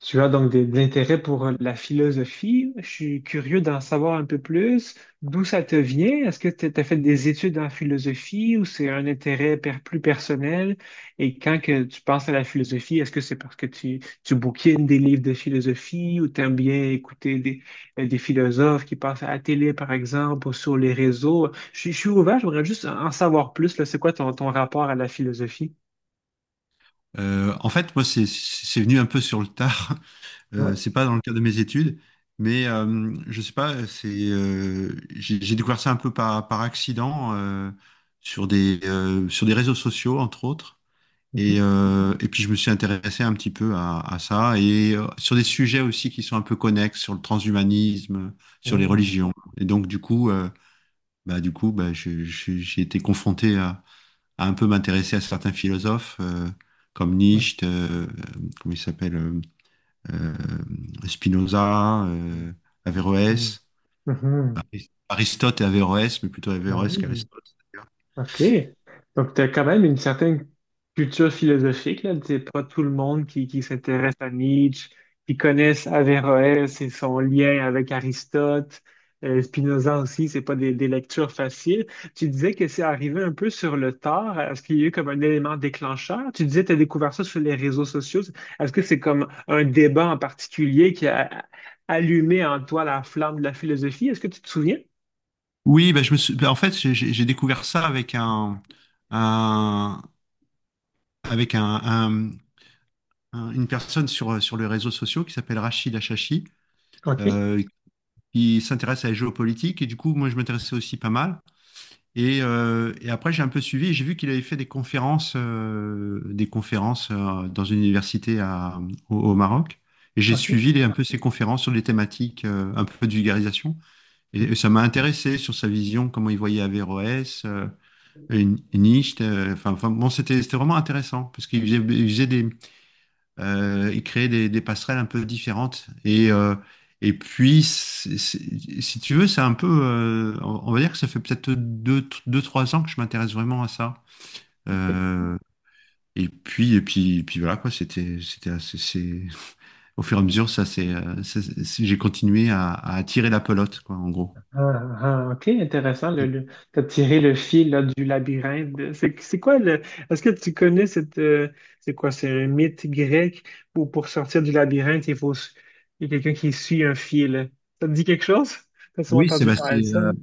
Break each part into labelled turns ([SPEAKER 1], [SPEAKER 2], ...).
[SPEAKER 1] Tu as donc de l'intérêt pour la philosophie. Je suis curieux d'en savoir un peu plus. D'où ça te vient? Est-ce que tu as fait des études en philosophie ou c'est un intérêt plus personnel? Et quand que tu penses à la philosophie, est-ce que c'est parce que tu bouquines des livres de philosophie ou t'aimes bien écouter des philosophes qui passent à la télé, par exemple, ou sur les réseaux? Je suis ouvert, j'aimerais juste en savoir plus, là. C'est quoi ton rapport à la philosophie?
[SPEAKER 2] En fait, moi, c'est venu un peu sur le tard. Euh,
[SPEAKER 1] Ouais.
[SPEAKER 2] c'est pas dans le cadre de mes études, mais je sais pas. C'est J'ai découvert ça un peu par accident, sur des réseaux sociaux entre autres.
[SPEAKER 1] Mhm.
[SPEAKER 2] Et puis je me suis intéressé un petit peu à ça et sur des sujets aussi qui sont un peu connexes sur le transhumanisme, sur les
[SPEAKER 1] Oui.
[SPEAKER 2] religions. Et donc du coup, bah du coup, bah je- j'ai été confronté à un peu m'intéresser à certains philosophes comme
[SPEAKER 1] Oui.
[SPEAKER 2] Nietzsche, comment il s'appelle, Spinoza,
[SPEAKER 1] Oui.
[SPEAKER 2] Averroès,
[SPEAKER 1] Mhm.
[SPEAKER 2] Aristote et Averroès, mais plutôt
[SPEAKER 1] Ah
[SPEAKER 2] Averroès
[SPEAKER 1] oui,
[SPEAKER 2] qu'Aristote d'ailleurs.
[SPEAKER 1] OK. Donc, tu as quand même une certaine culture philosophique, là. C'est pas tout le monde qui s'intéresse à Nietzsche, qui connaissent Averroès et son lien avec Aristote, Spinoza aussi, c'est pas des lectures faciles. Tu disais que c'est arrivé un peu sur le tard. Est-ce qu'il y a eu comme un élément déclencheur? Tu disais que tu as découvert ça sur les réseaux sociaux. Est-ce que c'est comme un débat en particulier qui a allumé en toi la flamme de la philosophie? Est-ce que tu te souviens?
[SPEAKER 2] Oui, je me suis- bah, en fait, j'ai découvert ça avec un- avec un, un- une personne sur les réseaux sociaux qui s'appelle Rachid Achachi,
[SPEAKER 1] OK,
[SPEAKER 2] euh, qui s'intéresse à la géopolitique. Et du coup, moi, je m'intéressais aussi pas mal. Et après, j'ai un peu suivi et j'ai vu qu'il avait fait des conférences dans une université au Maroc. Et j'ai
[SPEAKER 1] OK.
[SPEAKER 2] suivi un peu ses conférences sur des thématiques un peu de vulgarisation. Et
[SPEAKER 1] Mhm,
[SPEAKER 2] ça m'a intéressé sur sa vision, comment il voyait Averroès, et Nietzsche. Enfin, bon, c'était vraiment intéressant parce il faisait des, et créer des passerelles un peu différentes. Et puis, si tu veux, c'est un peu, on va dire que ça fait peut-être deux, trois ans que je m'intéresse vraiment à ça.
[SPEAKER 1] OK.
[SPEAKER 2] Euh, et puis voilà quoi, c'était assez, au fur et à mesure, j'ai continué à attirer la pelote quoi, en gros.
[SPEAKER 1] Ah, ah, ok, intéressant. T'as tiré le fil là, du labyrinthe. C'est quoi le. Est-ce que tu connais cette. C'est quoi? C'est un mythe grec où pour sortir du labyrinthe, il faut. Il y a quelqu'un qui suit un fil. Ça te dit quelque chose? T'as souvent
[SPEAKER 2] Oui, c'est
[SPEAKER 1] entendu
[SPEAKER 2] bah, c'est
[SPEAKER 1] parler de ça, non?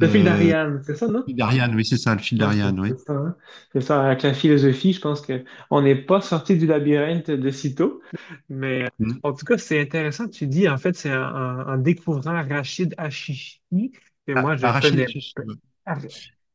[SPEAKER 1] Le fil
[SPEAKER 2] euh,
[SPEAKER 1] d'Ariane, c'est ça, non?
[SPEAKER 2] fil d'Ariane, oui c'est ça, le fil
[SPEAKER 1] Ok,
[SPEAKER 2] d'Ariane, oui.
[SPEAKER 1] c'est ça, hein. C'est ça, avec la philosophie, je pense que on n'est pas sorti du labyrinthe de sitôt, mais
[SPEAKER 2] Mm.
[SPEAKER 1] en tout cas, c'est intéressant, tu dis, en fait, c'est en découvrant Rachid Hachichi, que moi,
[SPEAKER 2] Ah,
[SPEAKER 1] je
[SPEAKER 2] arracher
[SPEAKER 1] connais,
[SPEAKER 2] les
[SPEAKER 1] p-
[SPEAKER 2] cheveux.
[SPEAKER 1] ar-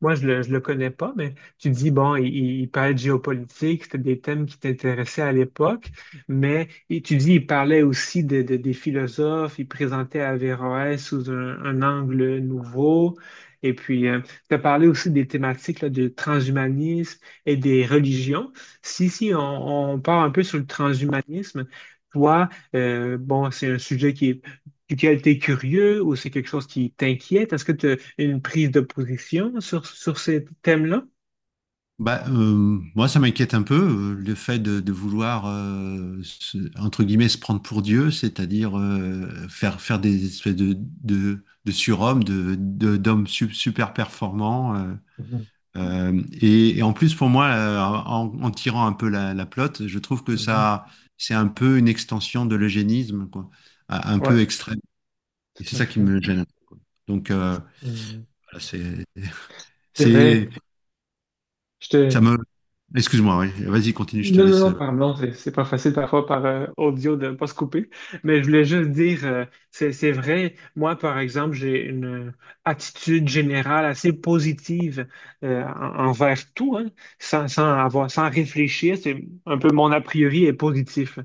[SPEAKER 1] moi, je le connais pas, mais tu dis, bon, il parlait de géopolitique, c'était des thèmes qui t'intéressaient à l'époque, mais et tu dis, il parlait aussi des philosophes, il présentait Averroès sous un angle nouveau, et puis, tu as parlé aussi des thématiques là, de transhumanisme et des religions. Si, si, on part un peu sur le transhumanisme, toi, bon, c'est un sujet qui est, duquel tu es curieux ou c'est quelque chose qui t'inquiète. Est-ce que tu as une prise de position sur ces thèmes-là?
[SPEAKER 2] Moi, ça m'inquiète un peu, le fait de vouloir, entre guillemets, se prendre pour Dieu, c'est-à-dire faire des espèces de surhommes, d'hommes super performants.
[SPEAKER 1] Mhm,
[SPEAKER 2] Et en plus, pour moi, en tirant un peu la pelote, je trouve que
[SPEAKER 1] mhm.
[SPEAKER 2] ça, c'est un peu une extension de l'eugénisme, quoi, un peu
[SPEAKER 1] Ouais,
[SPEAKER 2] extrême. Et
[SPEAKER 1] tout
[SPEAKER 2] c'est
[SPEAKER 1] à
[SPEAKER 2] ça qui
[SPEAKER 1] fait.
[SPEAKER 2] me gêne. Donc, euh,
[SPEAKER 1] Mm.
[SPEAKER 2] voilà, c'est,
[SPEAKER 1] C'est vrai,
[SPEAKER 2] c'est,
[SPEAKER 1] je
[SPEAKER 2] ça
[SPEAKER 1] te.
[SPEAKER 2] me... Excuse-moi, oui. Vas-y, continue, je te
[SPEAKER 1] Non, non,
[SPEAKER 2] laisse.
[SPEAKER 1] non, pardon, c'est pas facile parfois par audio de pas se couper, mais je voulais juste dire, c'est vrai, moi par exemple, j'ai une attitude générale assez positive envers tout, hein, sans avoir, sans réfléchir, c'est un peu mon a priori est positif.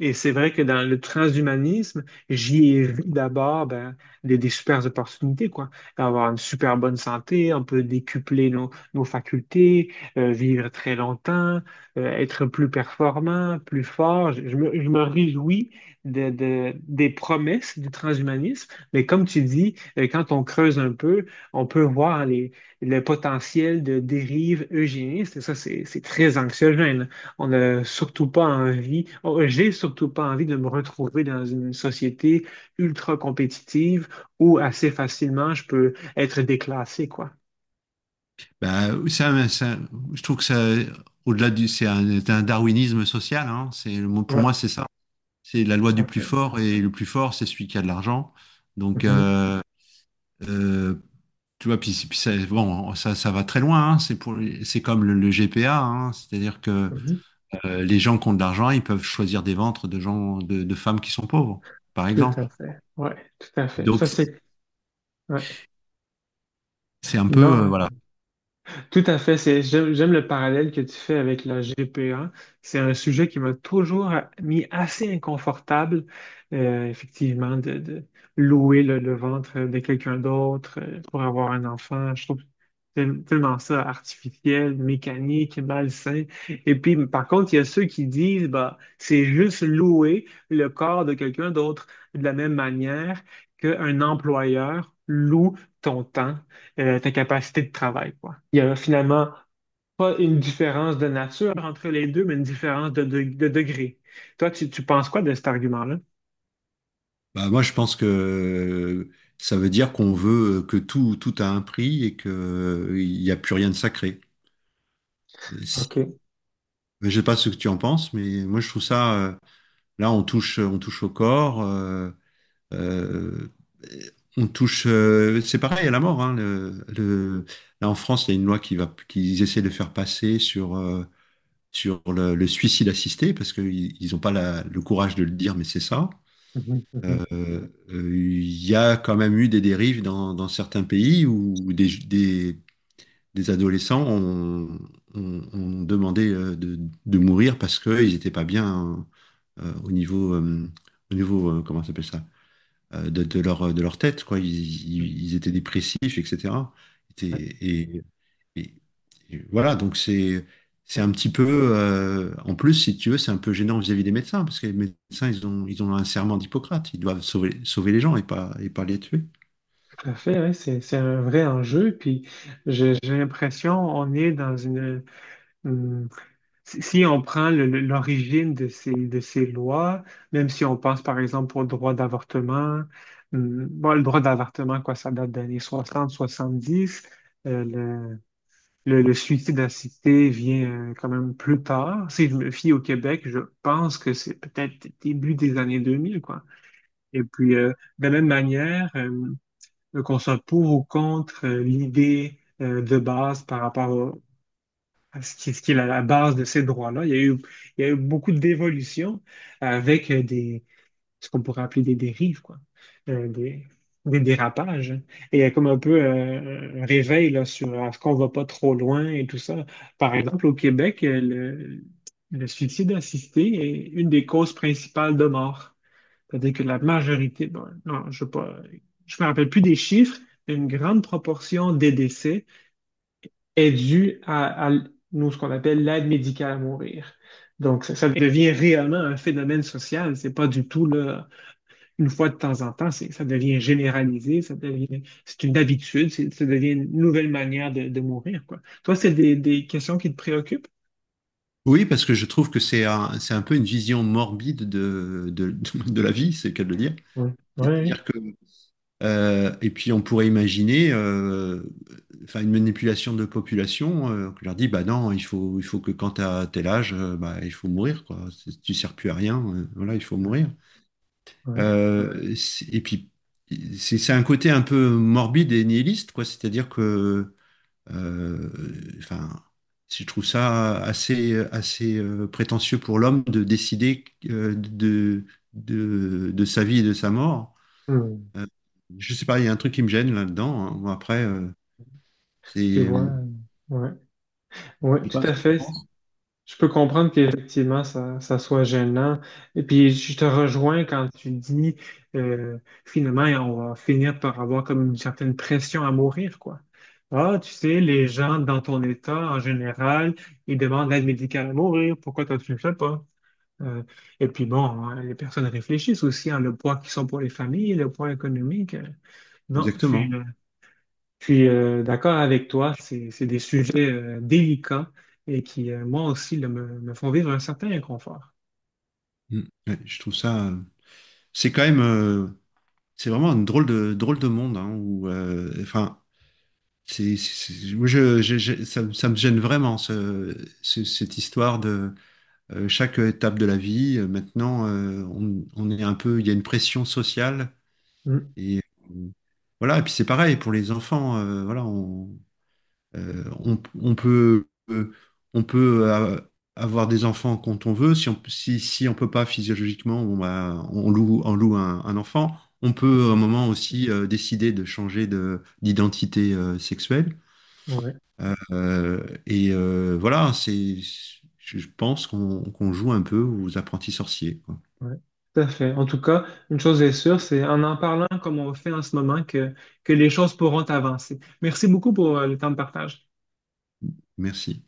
[SPEAKER 1] Et c'est vrai que dans le transhumanisme, j'y ai vu d'abord ben, des super opportunités, quoi. Avoir une super bonne santé, on peut décupler nos facultés, vivre très longtemps, être plus performant, plus fort. Je me réjouis des promesses du transhumanisme, mais comme tu dis, quand on creuse un peu, on peut voir le potentiel de dérive eugéniste, et ça, c'est très anxiogène. On n'a surtout pas envie, oh, j'ai surtout pas envie de me retrouver dans une société ultra compétitive où assez facilement je peux être déclassé, quoi.
[SPEAKER 2] Bah, ça, ça- je trouve que ça, au-delà du, c'est un darwinisme social. Hein, pour
[SPEAKER 1] Ouais,
[SPEAKER 2] moi, c'est ça. C'est la loi
[SPEAKER 1] tout
[SPEAKER 2] du
[SPEAKER 1] à
[SPEAKER 2] plus
[SPEAKER 1] fait.
[SPEAKER 2] fort et le plus fort, c'est celui qui a de l'argent. Donc,
[SPEAKER 1] Mhm,
[SPEAKER 2] euh, euh, Tu vois, puis ça, bon, ça va très loin, hein, c'est comme le GPA, hein, c'est-à-dire que
[SPEAKER 1] mhm.
[SPEAKER 2] les gens qui ont de l'argent, ils peuvent choisir des ventres de gens, de femmes qui sont pauvres, par
[SPEAKER 1] Tout
[SPEAKER 2] exemple.
[SPEAKER 1] à fait. Ouais, tout à fait. Ça,
[SPEAKER 2] Donc,
[SPEAKER 1] c'est. Ouais.
[SPEAKER 2] c'est un peu,
[SPEAKER 1] Non.
[SPEAKER 2] voilà.
[SPEAKER 1] Tout à fait. C'est, j'aime le parallèle que tu fais avec la GPA. C'est un sujet qui m'a toujours mis assez inconfortable, effectivement, de louer le ventre de quelqu'un d'autre pour avoir un enfant. Je trouve tellement ça artificiel, mécanique, malsain. Et puis, par contre, il y a ceux qui disent, bah, c'est juste louer le corps de quelqu'un d'autre de la même manière qu'un employeur loue ton temps ta capacité de travail, quoi. Il y a finalement pas une différence de nature entre les deux, mais une différence de degré. Toi, tu penses quoi de cet argument-là?
[SPEAKER 2] Moi, je pense que ça veut dire qu'on veut tout a un prix et que il n'y a plus rien de sacré. Et si...
[SPEAKER 1] OK.
[SPEAKER 2] Je sais pas ce que tu en penses, mais moi, je trouve ça, là, on touche au corps, euh, on touche, c'est pareil à la mort, hein, là, en France, il y a une loi qui va, qu'ils essaient de faire passer sur, sur le suicide assisté parce qu'ils n'ont pas le courage de le dire, mais c'est ça.
[SPEAKER 1] Mhm, mhm,
[SPEAKER 2] Euh, euh, Il y a quand même eu des dérives dans certains pays où des adolescents ont demandé de mourir parce qu'ils n'étaient pas bien euh, au niveau, euh, au niveau comment ça s'appelle ça, de leur tête, quoi.
[SPEAKER 1] mhm.
[SPEAKER 2] Ils étaient dépressifs, etc.
[SPEAKER 1] Ouais,
[SPEAKER 2] Et, et- et voilà, donc c'est
[SPEAKER 1] ouais,
[SPEAKER 2] un petit peu, en plus, si tu veux, c'est un peu gênant vis-à-vis des médecins, parce que les médecins, ils ont un serment d'Hippocrate, ils doivent sauver, sauver les gens et pas les tuer.
[SPEAKER 1] tout à fait, ouais, c'est un vrai enjeu. Puis j'ai l'impression on est dans une- si si on prend l'origine de de ces lois, même si on pense par exemple au droit d'avortement, bon, le droit d'avortement, quoi, ça date des années 60-70. Le suicide assisté vient quand même plus tard. Si je me fie au Québec, je pense que c'est peut-être début des années 2000, quoi. Et puis, de la même manière, qu'on soit pour ou contre l'idée de base par rapport à ce ce qui est la base de ces droits-là, il y a eu, il y a eu beaucoup d'évolutions avec ce qu'on pourrait appeler des dérives, quoi. Euh, des, des dérapages, hein. Et il y a comme un peu un réveil là, sur est-ce qu'on va pas trop loin et tout ça. Par exemple, au Québec, le suicide assisté est une des causes principales de mort. C'est-à-dire que la majorité, bon, non, je ne pas, je me rappelle plus des chiffres, mais une grande proportion des décès est due à nous, ce qu'on appelle l'aide médicale à mourir. Donc, ça devient réellement un phénomène social. C'est pas du tout là, une fois de temps en temps, ça devient généralisé, ça devient, c'est une habitude, ça devient une nouvelle manière de mourir, quoi. Toi, c'est des questions qui te préoccupent?
[SPEAKER 2] Oui, parce que je trouve que c'est un peu une vision morbide de la vie, c'est le cas de le dire.
[SPEAKER 1] Oui, oui,
[SPEAKER 2] C'est-à-dire que, et puis on pourrait imaginer une manipulation de population, on leur dit, bah non, il faut que quand tu as tel âge, bah, il faut mourir, quoi. C'est... Tu sers plus à rien, voilà, il faut
[SPEAKER 1] oui.
[SPEAKER 2] mourir.
[SPEAKER 1] Ouais.
[SPEAKER 2] Euh, c'est- et puis, c'est un côté un peu morbide et nihiliste, quoi. Euh, enfin, je trouve ça assez, assez prétentieux pour l'homme de décider euh, de, de sa vie et de sa mort.
[SPEAKER 1] Hmm.
[SPEAKER 2] Euh, je sais pas, il y a un truc qui me gêne là-dedans, hein. Bon, après, c'est
[SPEAKER 1] Tu vois,
[SPEAKER 2] Je
[SPEAKER 1] ouais, oui,
[SPEAKER 2] sais pas
[SPEAKER 1] tout
[SPEAKER 2] ce
[SPEAKER 1] à
[SPEAKER 2] que tu
[SPEAKER 1] fait.
[SPEAKER 2] penses.
[SPEAKER 1] Je peux comprendre qu'effectivement, ça soit gênant. Et puis, je te rejoins quand tu dis, euh, finalement, on va finir par avoir comme une certaine pression à mourir, quoi. Ah, tu sais, les gens dans ton état, en général, ils demandent l'aide médicale à mourir. Pourquoi toi, tu ne le fais pas? Euh, et puis, bon, hein, les personnes réfléchissent aussi, à le poids qu'ils sont pour les familles, le poids économique. Non, je suis,
[SPEAKER 2] Exactement.
[SPEAKER 1] Je suis d'accord avec toi, c'est des sujets délicats et qui, moi aussi, là, me font vivre un certain inconfort.
[SPEAKER 2] Mm. Ouais, je trouve ça. C'est quand même, c'est vraiment un drôle de monde, hein, où, Moi, ça me gêne vraiment cette histoire de chaque étape de la vie. Maintenant, on est un peu, il y a une pression sociale
[SPEAKER 1] Mm.
[SPEAKER 2] et euh, voilà. Et puis c'est pareil pour les enfants. On peut, on peut euh, avoir des enfants quand on veut. Si on peut pas physiologiquement, on loue un enfant. On peut à un moment aussi décider de changer d'identité sexuelle.
[SPEAKER 1] Ouais,
[SPEAKER 2] Voilà, c'est, je pense qu'on joue un peu aux apprentis sorciers, quoi.
[SPEAKER 1] ouais. Tout à fait. En tout cas, une chose est sûre, c'est en en parlant comme on fait en ce moment que les choses pourront avancer. Merci beaucoup pour le temps de partage.
[SPEAKER 2] Merci.